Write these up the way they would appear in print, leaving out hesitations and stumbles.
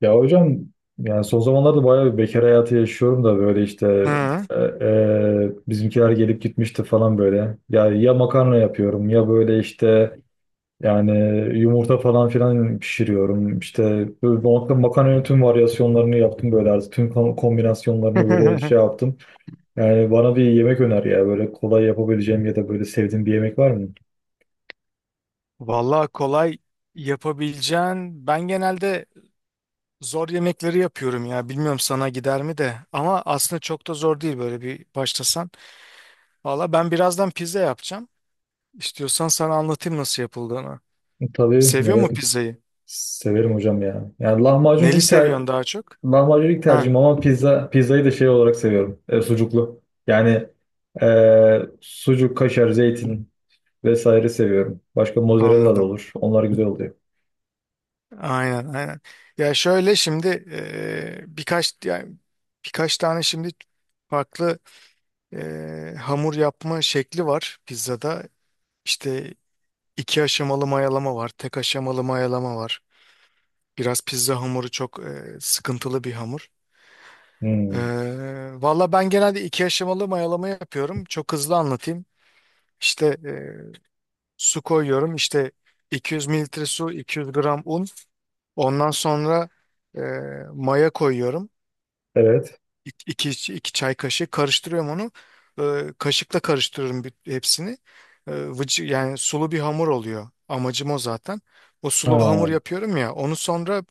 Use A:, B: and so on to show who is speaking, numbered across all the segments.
A: Ya hocam, yani son zamanlarda bayağı bir bekar hayatı yaşıyorum da böyle işte
B: Hı.
A: e, bizimkiler gelip gitmişti falan böyle. Yani ya makarna yapıyorum, ya böyle işte yani yumurta falan filan pişiriyorum. İşte böyle makarna, makarnanın tüm varyasyonlarını yaptım, böyle artık tüm kombinasyonlarını böyle şey yaptım. Yani bana bir yemek öner ya, böyle kolay yapabileceğim ya da böyle sevdiğim bir yemek var mı?
B: Vallahi kolay yapabileceğin. Ben genelde zor yemekleri yapıyorum ya. Bilmiyorum sana gider mi de. Ama aslında çok da zor değil böyle bir başlasan. Vallahi ben birazdan pizza yapacağım. İstiyorsan sana anlatayım nasıl yapıldığını.
A: Tabii,
B: Seviyor mu pizzayı?
A: severim hocam ya. Yani
B: Neli seviyorsun daha çok?
A: lahmacun ilk
B: Ha,
A: tercihim, ama pizzayı da şey olarak seviyorum. Sucuklu. Yani sucuk, kaşar, zeytin vesaire seviyorum. Başka mozzarella da
B: anladım.
A: olur. Onlar güzel oluyor.
B: Aynen, aynen. Ya şöyle şimdi birkaç, yani birkaç tane şimdi farklı hamur yapma şekli var pizzada. İşte İki aşamalı mayalama var, tek aşamalı mayalama var. Biraz pizza hamuru çok sıkıntılı bir hamur. E,
A: Hmm.
B: valla ben genelde iki aşamalı mayalama yapıyorum. Çok hızlı anlatayım. İşte su koyuyorum. İşte 200 mililitre su, 200 gram un. Ondan sonra e, maya koyuyorum.
A: Evet.
B: İki çay kaşığı karıştırıyorum onu. Kaşıkla karıştırıyorum hepsini. Yani sulu bir hamur oluyor. Amacım o zaten. O
A: Ha,
B: sulu hamur yapıyorum ya. Onu sonra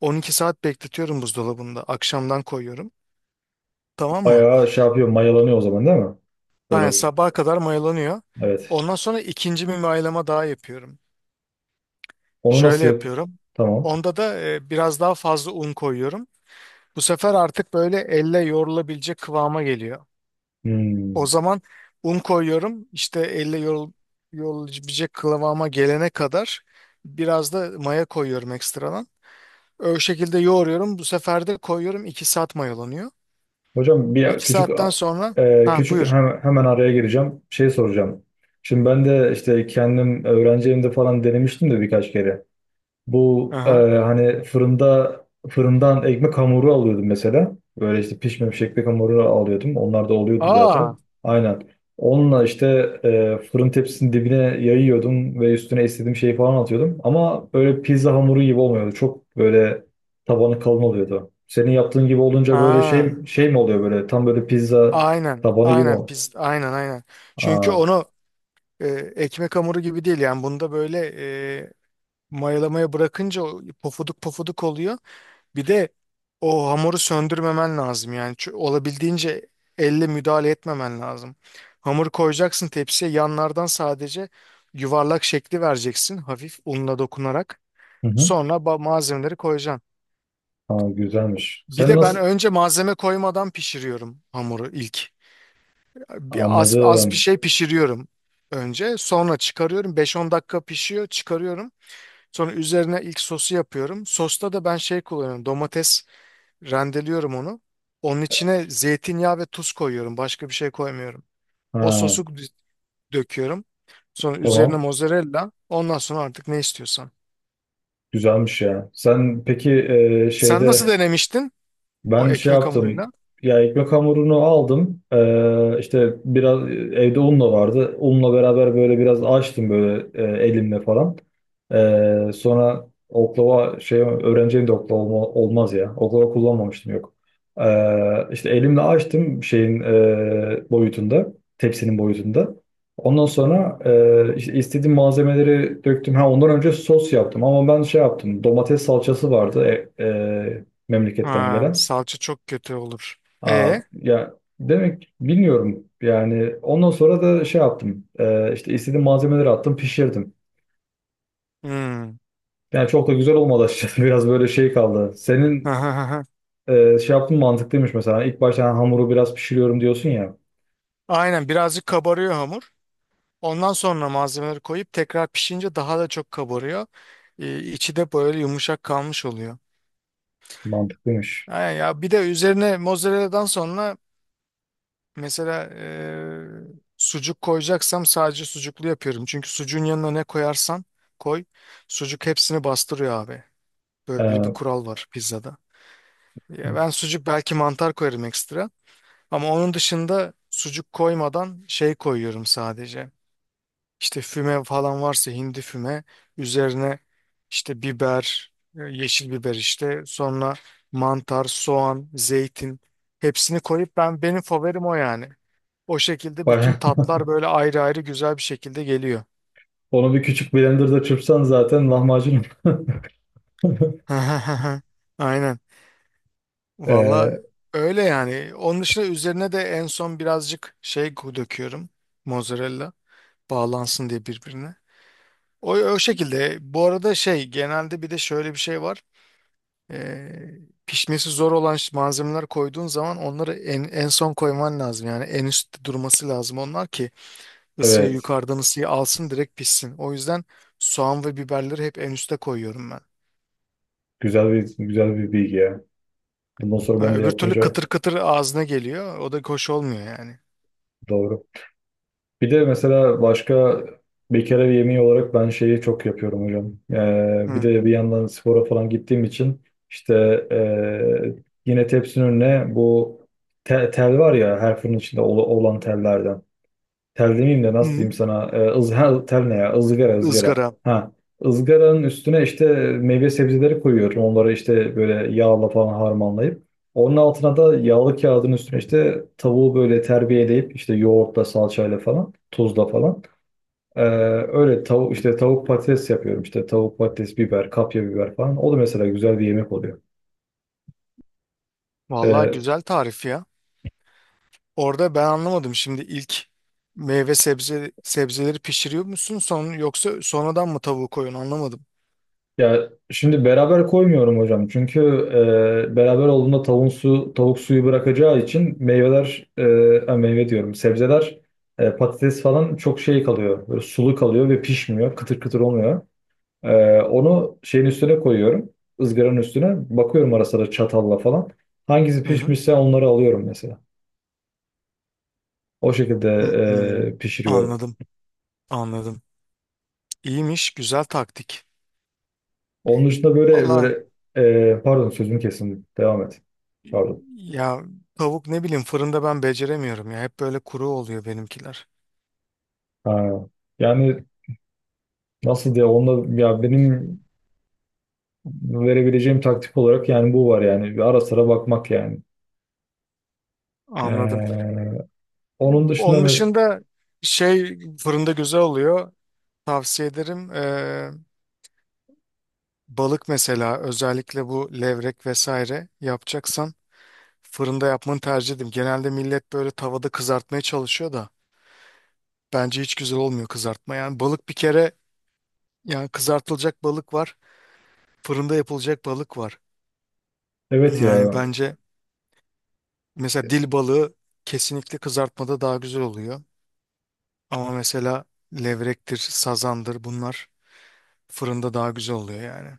B: 12 saat bekletiyorum buzdolabında. Akşamdan koyuyorum. Tamam mı?
A: bayağı şey yapıyor, mayalanıyor o zaman, değil mi? Böyle
B: Aynen,
A: oluyor.
B: sabaha kadar mayalanıyor.
A: Evet.
B: Ondan sonra ikinci bir mayalama daha yapıyorum.
A: Onu
B: Şöyle
A: nasıl yap?
B: yapıyorum.
A: Tamam.
B: Onda da biraz daha fazla un koyuyorum. Bu sefer artık böyle elle yoğrulabilecek kıvama geliyor. O
A: Hmm.
B: zaman un koyuyorum. İşte elle yollayabilecek kıvama gelene kadar biraz da maya koyuyorum ekstradan. O şekilde yoğuruyorum. Bu sefer de koyuyorum. 2 saat mayalanıyor.
A: Hocam, bir
B: 2
A: küçük
B: saatten sonra,
A: e,
B: ha,
A: küçük
B: buyur.
A: hem- hemen araya gireceğim. Şey soracağım. Şimdi ben de işte kendim öğrenci evimde falan denemiştim de birkaç kere. Bu,
B: Aha.
A: hani fırından ekmek hamuru alıyordum mesela. Böyle işte pişmemiş ekmek hamuru alıyordum. Onlar da oluyordu
B: Aa.
A: zaten. Aynen. Onunla işte fırın tepsisinin dibine yayıyordum ve üstüne istediğim şeyi falan atıyordum. Ama böyle pizza hamuru gibi olmuyordu. Çok böyle tabanı kalın oluyordu. Senin yaptığın gibi olunca böyle
B: Ha.
A: şey mi oluyor, böyle tam böyle pizza
B: Aynen.
A: tabanı gibi mi?
B: Aynen, pis. Aynen, aynen. Çünkü
A: Aa,
B: onu e, ekmek hamuru gibi değil yani. Bunda böyle e, mayalamaya bırakınca o pofuduk pofuduk oluyor. Bir de o hamuru söndürmemen lazım, yani olabildiğince elle müdahale etmemen lazım. Hamuru koyacaksın tepsiye, yanlardan sadece yuvarlak şekli vereceksin hafif unla dokunarak.
A: hı hı.
B: Sonra malzemeleri koyacaksın.
A: Aa, güzelmiş.
B: Bir
A: Sen
B: de ben
A: nasıl
B: önce malzeme koymadan pişiriyorum hamuru ilk. Bir az, az bir
A: anladım?
B: şey pişiriyorum önce. Sonra çıkarıyorum. 5-10 dakika pişiyor, çıkarıyorum. Sonra üzerine ilk sosu yapıyorum. Sosta da ben şey kullanıyorum. Domates. Rendeliyorum onu. Onun içine zeytinyağı ve tuz koyuyorum. Başka bir şey koymuyorum. O
A: Ha,
B: sosu döküyorum. Sonra üzerine
A: tamam.
B: mozzarella. Ondan sonra artık ne istiyorsan.
A: Güzelmiş ya. Sen peki
B: Sen nasıl
A: şeyde
B: denemiştin o
A: ben şey
B: ekmek
A: yaptım.
B: hamuruyla?
A: Ya, ekmek hamurunu aldım. İşte biraz evde un da vardı. Unla beraber böyle biraz açtım böyle, elimle falan. Sonra oklava şey öğreneceğim de oklava olmaz ya. Oklava kullanmamıştım, yok. İşte elimle açtım şeyin boyutunda. Tepsinin boyutunda. Ondan sonra işte istediğim malzemeleri döktüm. Ha, ondan önce sos yaptım ama ben şey yaptım. Domates salçası vardı, memleketten
B: Ha,
A: gelen.
B: salça çok kötü olur.
A: Aa,
B: E,
A: ya, demek bilmiyorum yani ondan sonra da şey yaptım. İşte istediğim malzemeleri attım, pişirdim.
B: hmm.
A: Yani çok da güzel olmadı açıkçası, biraz böyle şey kaldı. Senin şey yaptığın mantıklıymış mesela, ilk başta hani hamuru biraz pişiriyorum diyorsun ya,
B: Aynen, birazcık kabarıyor hamur. Ondan sonra malzemeleri koyup tekrar pişince daha da çok kabarıyor. İçi de böyle yumuşak kalmış oluyor.
A: mantıklıymış.
B: Aynen, ya bir de üzerine mozzarella'dan sonra, mesela sucuk koyacaksam sadece sucuklu yapıyorum. Çünkü sucuğun yanına ne koyarsan koy, sucuk hepsini bastırıyor abi. Böyle bir
A: Ee,
B: kural var pizzada. Ya ben sucuk, belki mantar koyarım ekstra. Ama onun dışında sucuk koymadan şey koyuyorum sadece. İşte füme falan varsa hindi füme, üzerine işte biber, yeşil biber işte, sonra mantar, soğan, zeytin, hepsini koyup benim favorim o yani. O şekilde bütün
A: bayağı-
B: tatlar böyle ayrı ayrı güzel bir şekilde geliyor.
A: onu bir küçük blenderda çırpsan zaten lahmacun.
B: Aynen. Valla
A: Ee,
B: öyle yani. Onun dışında üzerine de en son birazcık şey döküyorum. Mozzarella bağlansın diye birbirine. O şekilde. Bu arada şey, genelde bir de şöyle bir şey var. Ee, pişmesi zor olan malzemeler koyduğun zaman onları en son koyman lazım. Yani en üstte durması lazım onlar ki ısıyı
A: evet
B: yukarıdan ısıyı alsın, direkt pişsin. O yüzden soğan ve biberleri hep en üste koyuyorum ben.
A: güzel bir bilgi ya. Bundan sonra
B: Ha,
A: ben de
B: öbür türlü
A: yapınca
B: kıtır kıtır ağzına geliyor. O da hoş olmuyor yani.
A: doğru. Bir de mesela başka bir kere bir yemeği olarak ben şeyi çok yapıyorum hocam. Bir
B: Hı.
A: de bir yandan spora falan gittiğim için işte ee, yine tepsinin önüne bu tel, tel var ya, her fırın içinde olan tellerden. Tel demeyeyim de nasıl
B: Hı.
A: diyeyim sana? Ha, tel ne ya? Izgara, ızgara.
B: Izgara.
A: Ha. ızgaranın üstüne işte meyve sebzeleri koyuyorum. Onları işte böyle yağla falan harmanlayıp. Onun altına da yağlı kağıdın üstüne işte tavuğu böyle terbiyeleyip, işte yoğurtla, salçayla falan, tuzla falan. Ee, öyle tavuk işte tavuk patates yapıyorum. İşte tavuk patates, biber, kapya biber falan. O da mesela güzel bir yemek oluyor.
B: Vallahi
A: Ee,
B: güzel tarif ya. Orada ben anlamadım şimdi, ilk meyve sebzeleri pişiriyor musun son, yoksa sonradan mı tavuğu koyun anlamadım.
A: Ya şimdi beraber koymuyorum hocam. Çünkü beraber olduğunda tavuk suyu bırakacağı için meyveler, meyve diyorum, sebzeler, patates falan çok şey kalıyor. Böyle sulu kalıyor ve pişmiyor. Kıtır kıtır olmuyor. Onu şeyin üstüne koyuyorum. Izgaranın üstüne. Bakıyorum ara sıra çatalla falan. Hangisi
B: Hı hı.
A: pişmişse onları alıyorum mesela. O şekilde
B: Hı hı.
A: pişiriyorum.
B: Anladım. Anladım. İyiymiş, güzel taktik.
A: Onun dışında böyle
B: Valla
A: böyle pardon, sözümü kesin. Devam et. Pardon.
B: ya, tavuk ne bileyim, fırında ben beceremiyorum ya. Hep böyle kuru oluyor benimkiler.
A: Ha. Yani nasıl diye onda, ya benim verebileceğim taktik olarak yani bu var yani. Bir ara sıra bakmak yani. Ee,
B: Anladım.
A: onun dışında
B: Onun dışında şey fırında güzel oluyor. Tavsiye ederim. Balık mesela, özellikle bu levrek vesaire yapacaksan fırında yapmanı tercih ederim. Genelde millet böyle tavada kızartmaya çalışıyor da bence hiç güzel olmuyor kızartma. Yani balık bir kere, yani kızartılacak balık var, fırında yapılacak balık var.
A: evet
B: Yani
A: ya.
B: bence mesela dil balığı kesinlikle kızartmada daha güzel oluyor. Ama mesela levrektir, sazandır, bunlar fırında daha güzel oluyor yani.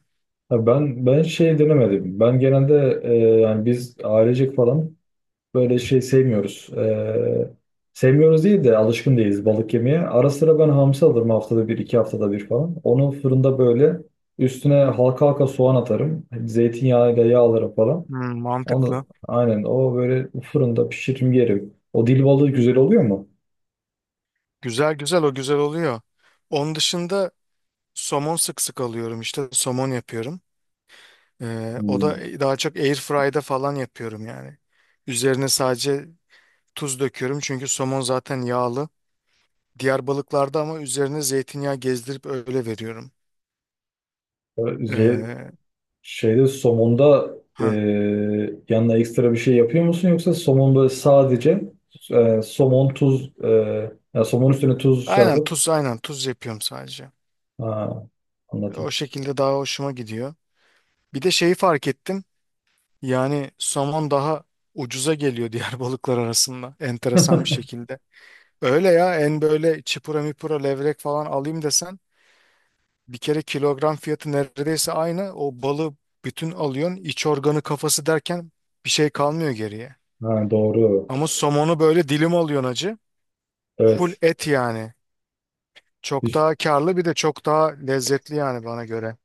A: Ya, ben şey denemedim. Ben genelde yani biz ailecek falan böyle şey sevmiyoruz. Sevmiyoruz değil de alışkın değiliz balık yemeye. Ara sıra ben hamsi alırım, haftada bir, iki haftada bir falan. Onu fırında böyle üstüne halka halka soğan atarım. Zeytinyağıyla yağlarım falan.
B: Hmm,
A: Onu
B: mantıklı.
A: aynen o böyle fırında pişirim yeri. O dil balığı güzel oluyor mu?
B: Güzel, güzel, o güzel oluyor. Onun dışında somon sık sık alıyorum işte. Somon yapıyorum. O
A: Hmm.
B: da daha çok air fry'da falan yapıyorum yani. Üzerine sadece tuz döküyorum çünkü somon zaten yağlı. Diğer balıklarda ama üzerine zeytinyağı gezdirip öyle veriyorum.
A: Böyle şey,
B: Ee,
A: şeyde, somonda
B: ha.
A: yanına ekstra bir şey yapıyor musun, yoksa somon böyle sadece somon tuz yani somon üstüne tuz şey
B: Aynen,
A: yapıp,
B: tuz, aynen tuz yapıyorum sadece.
A: ha,
B: O
A: anladım.
B: şekilde daha hoşuma gidiyor. Bir de şeyi fark ettim. Yani somon daha ucuza geliyor diğer balıklar arasında. Enteresan bir şekilde. Öyle ya, en böyle çipura mipura levrek falan alayım desen, bir kere kilogram fiyatı neredeyse aynı. O balı bütün alıyorsun. İç organı, kafası derken bir şey kalmıyor geriye.
A: Ha, doğru.
B: Ama somonu böyle dilim alıyorsun acı. Full
A: Evet.
B: et yani. Çok
A: Hiç,
B: daha karlı, bir de çok daha lezzetli yani bana göre.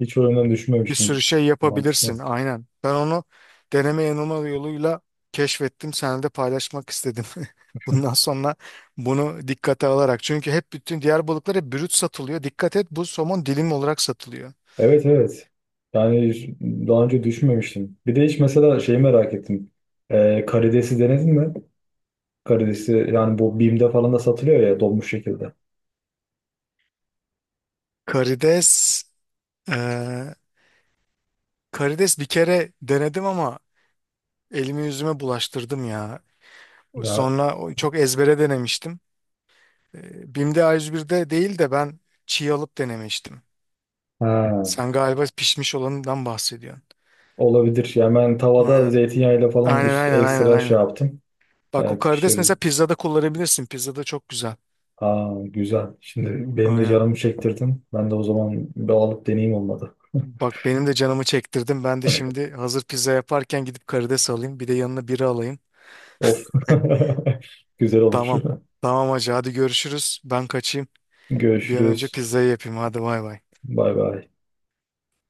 A: hiç o yönden
B: Bir
A: düşünmemiştim.
B: sürü şey
A: Mantıklı.
B: yapabilirsin aynen. Ben onu deneme yanılma yoluyla keşfettim. Seninle de paylaşmak istedim. Bundan sonra bunu dikkate alarak. Çünkü hep bütün diğer balıklar hep brüt satılıyor. Dikkat et, bu somon dilim olarak satılıyor.
A: Evet, evet. Yani daha önce düşünmemiştim. Bir de hiç mesela şeyi merak ettim. Karidesi denedin mi? Karidesi yani bu Bim'de falan da satılıyor ya, donmuş şekilde.
B: Karides, eee, Karides bir kere denedim ama elimi yüzüme bulaştırdım ya.
A: Ya,
B: Sonra çok ezbere denemiştim. Bim'de A101'de değil de ben çiğ alıp denemiştim.
A: ha.
B: Sen galiba pişmiş olanından bahsediyorsun.
A: Olabilir. Yani ben tavada
B: Aynen.
A: zeytinyağıyla falan
B: Aynen, aynen, aynen,
A: ekstra şey
B: aynen.
A: yaptım.
B: Bak, o
A: Ee,
B: karides mesela
A: pişirdim.
B: pizzada kullanabilirsin. Pizzada çok güzel.
A: Aa, güzel. Şimdi benim de
B: Aynen.
A: canımı çektirdin. Ben de o zaman bir alıp deneyeyim, olmadı.
B: Bak, benim de canımı çektirdim. Ben de şimdi hazır pizza yaparken gidip karides alayım. Bir de yanına biri alayım.
A: Of. Güzel olur.
B: Tamam. Tamam hacı, hadi görüşürüz. Ben kaçayım. Bir an önce
A: Görüşürüz.
B: pizzayı yapayım. Hadi bay bay.
A: Bay bay.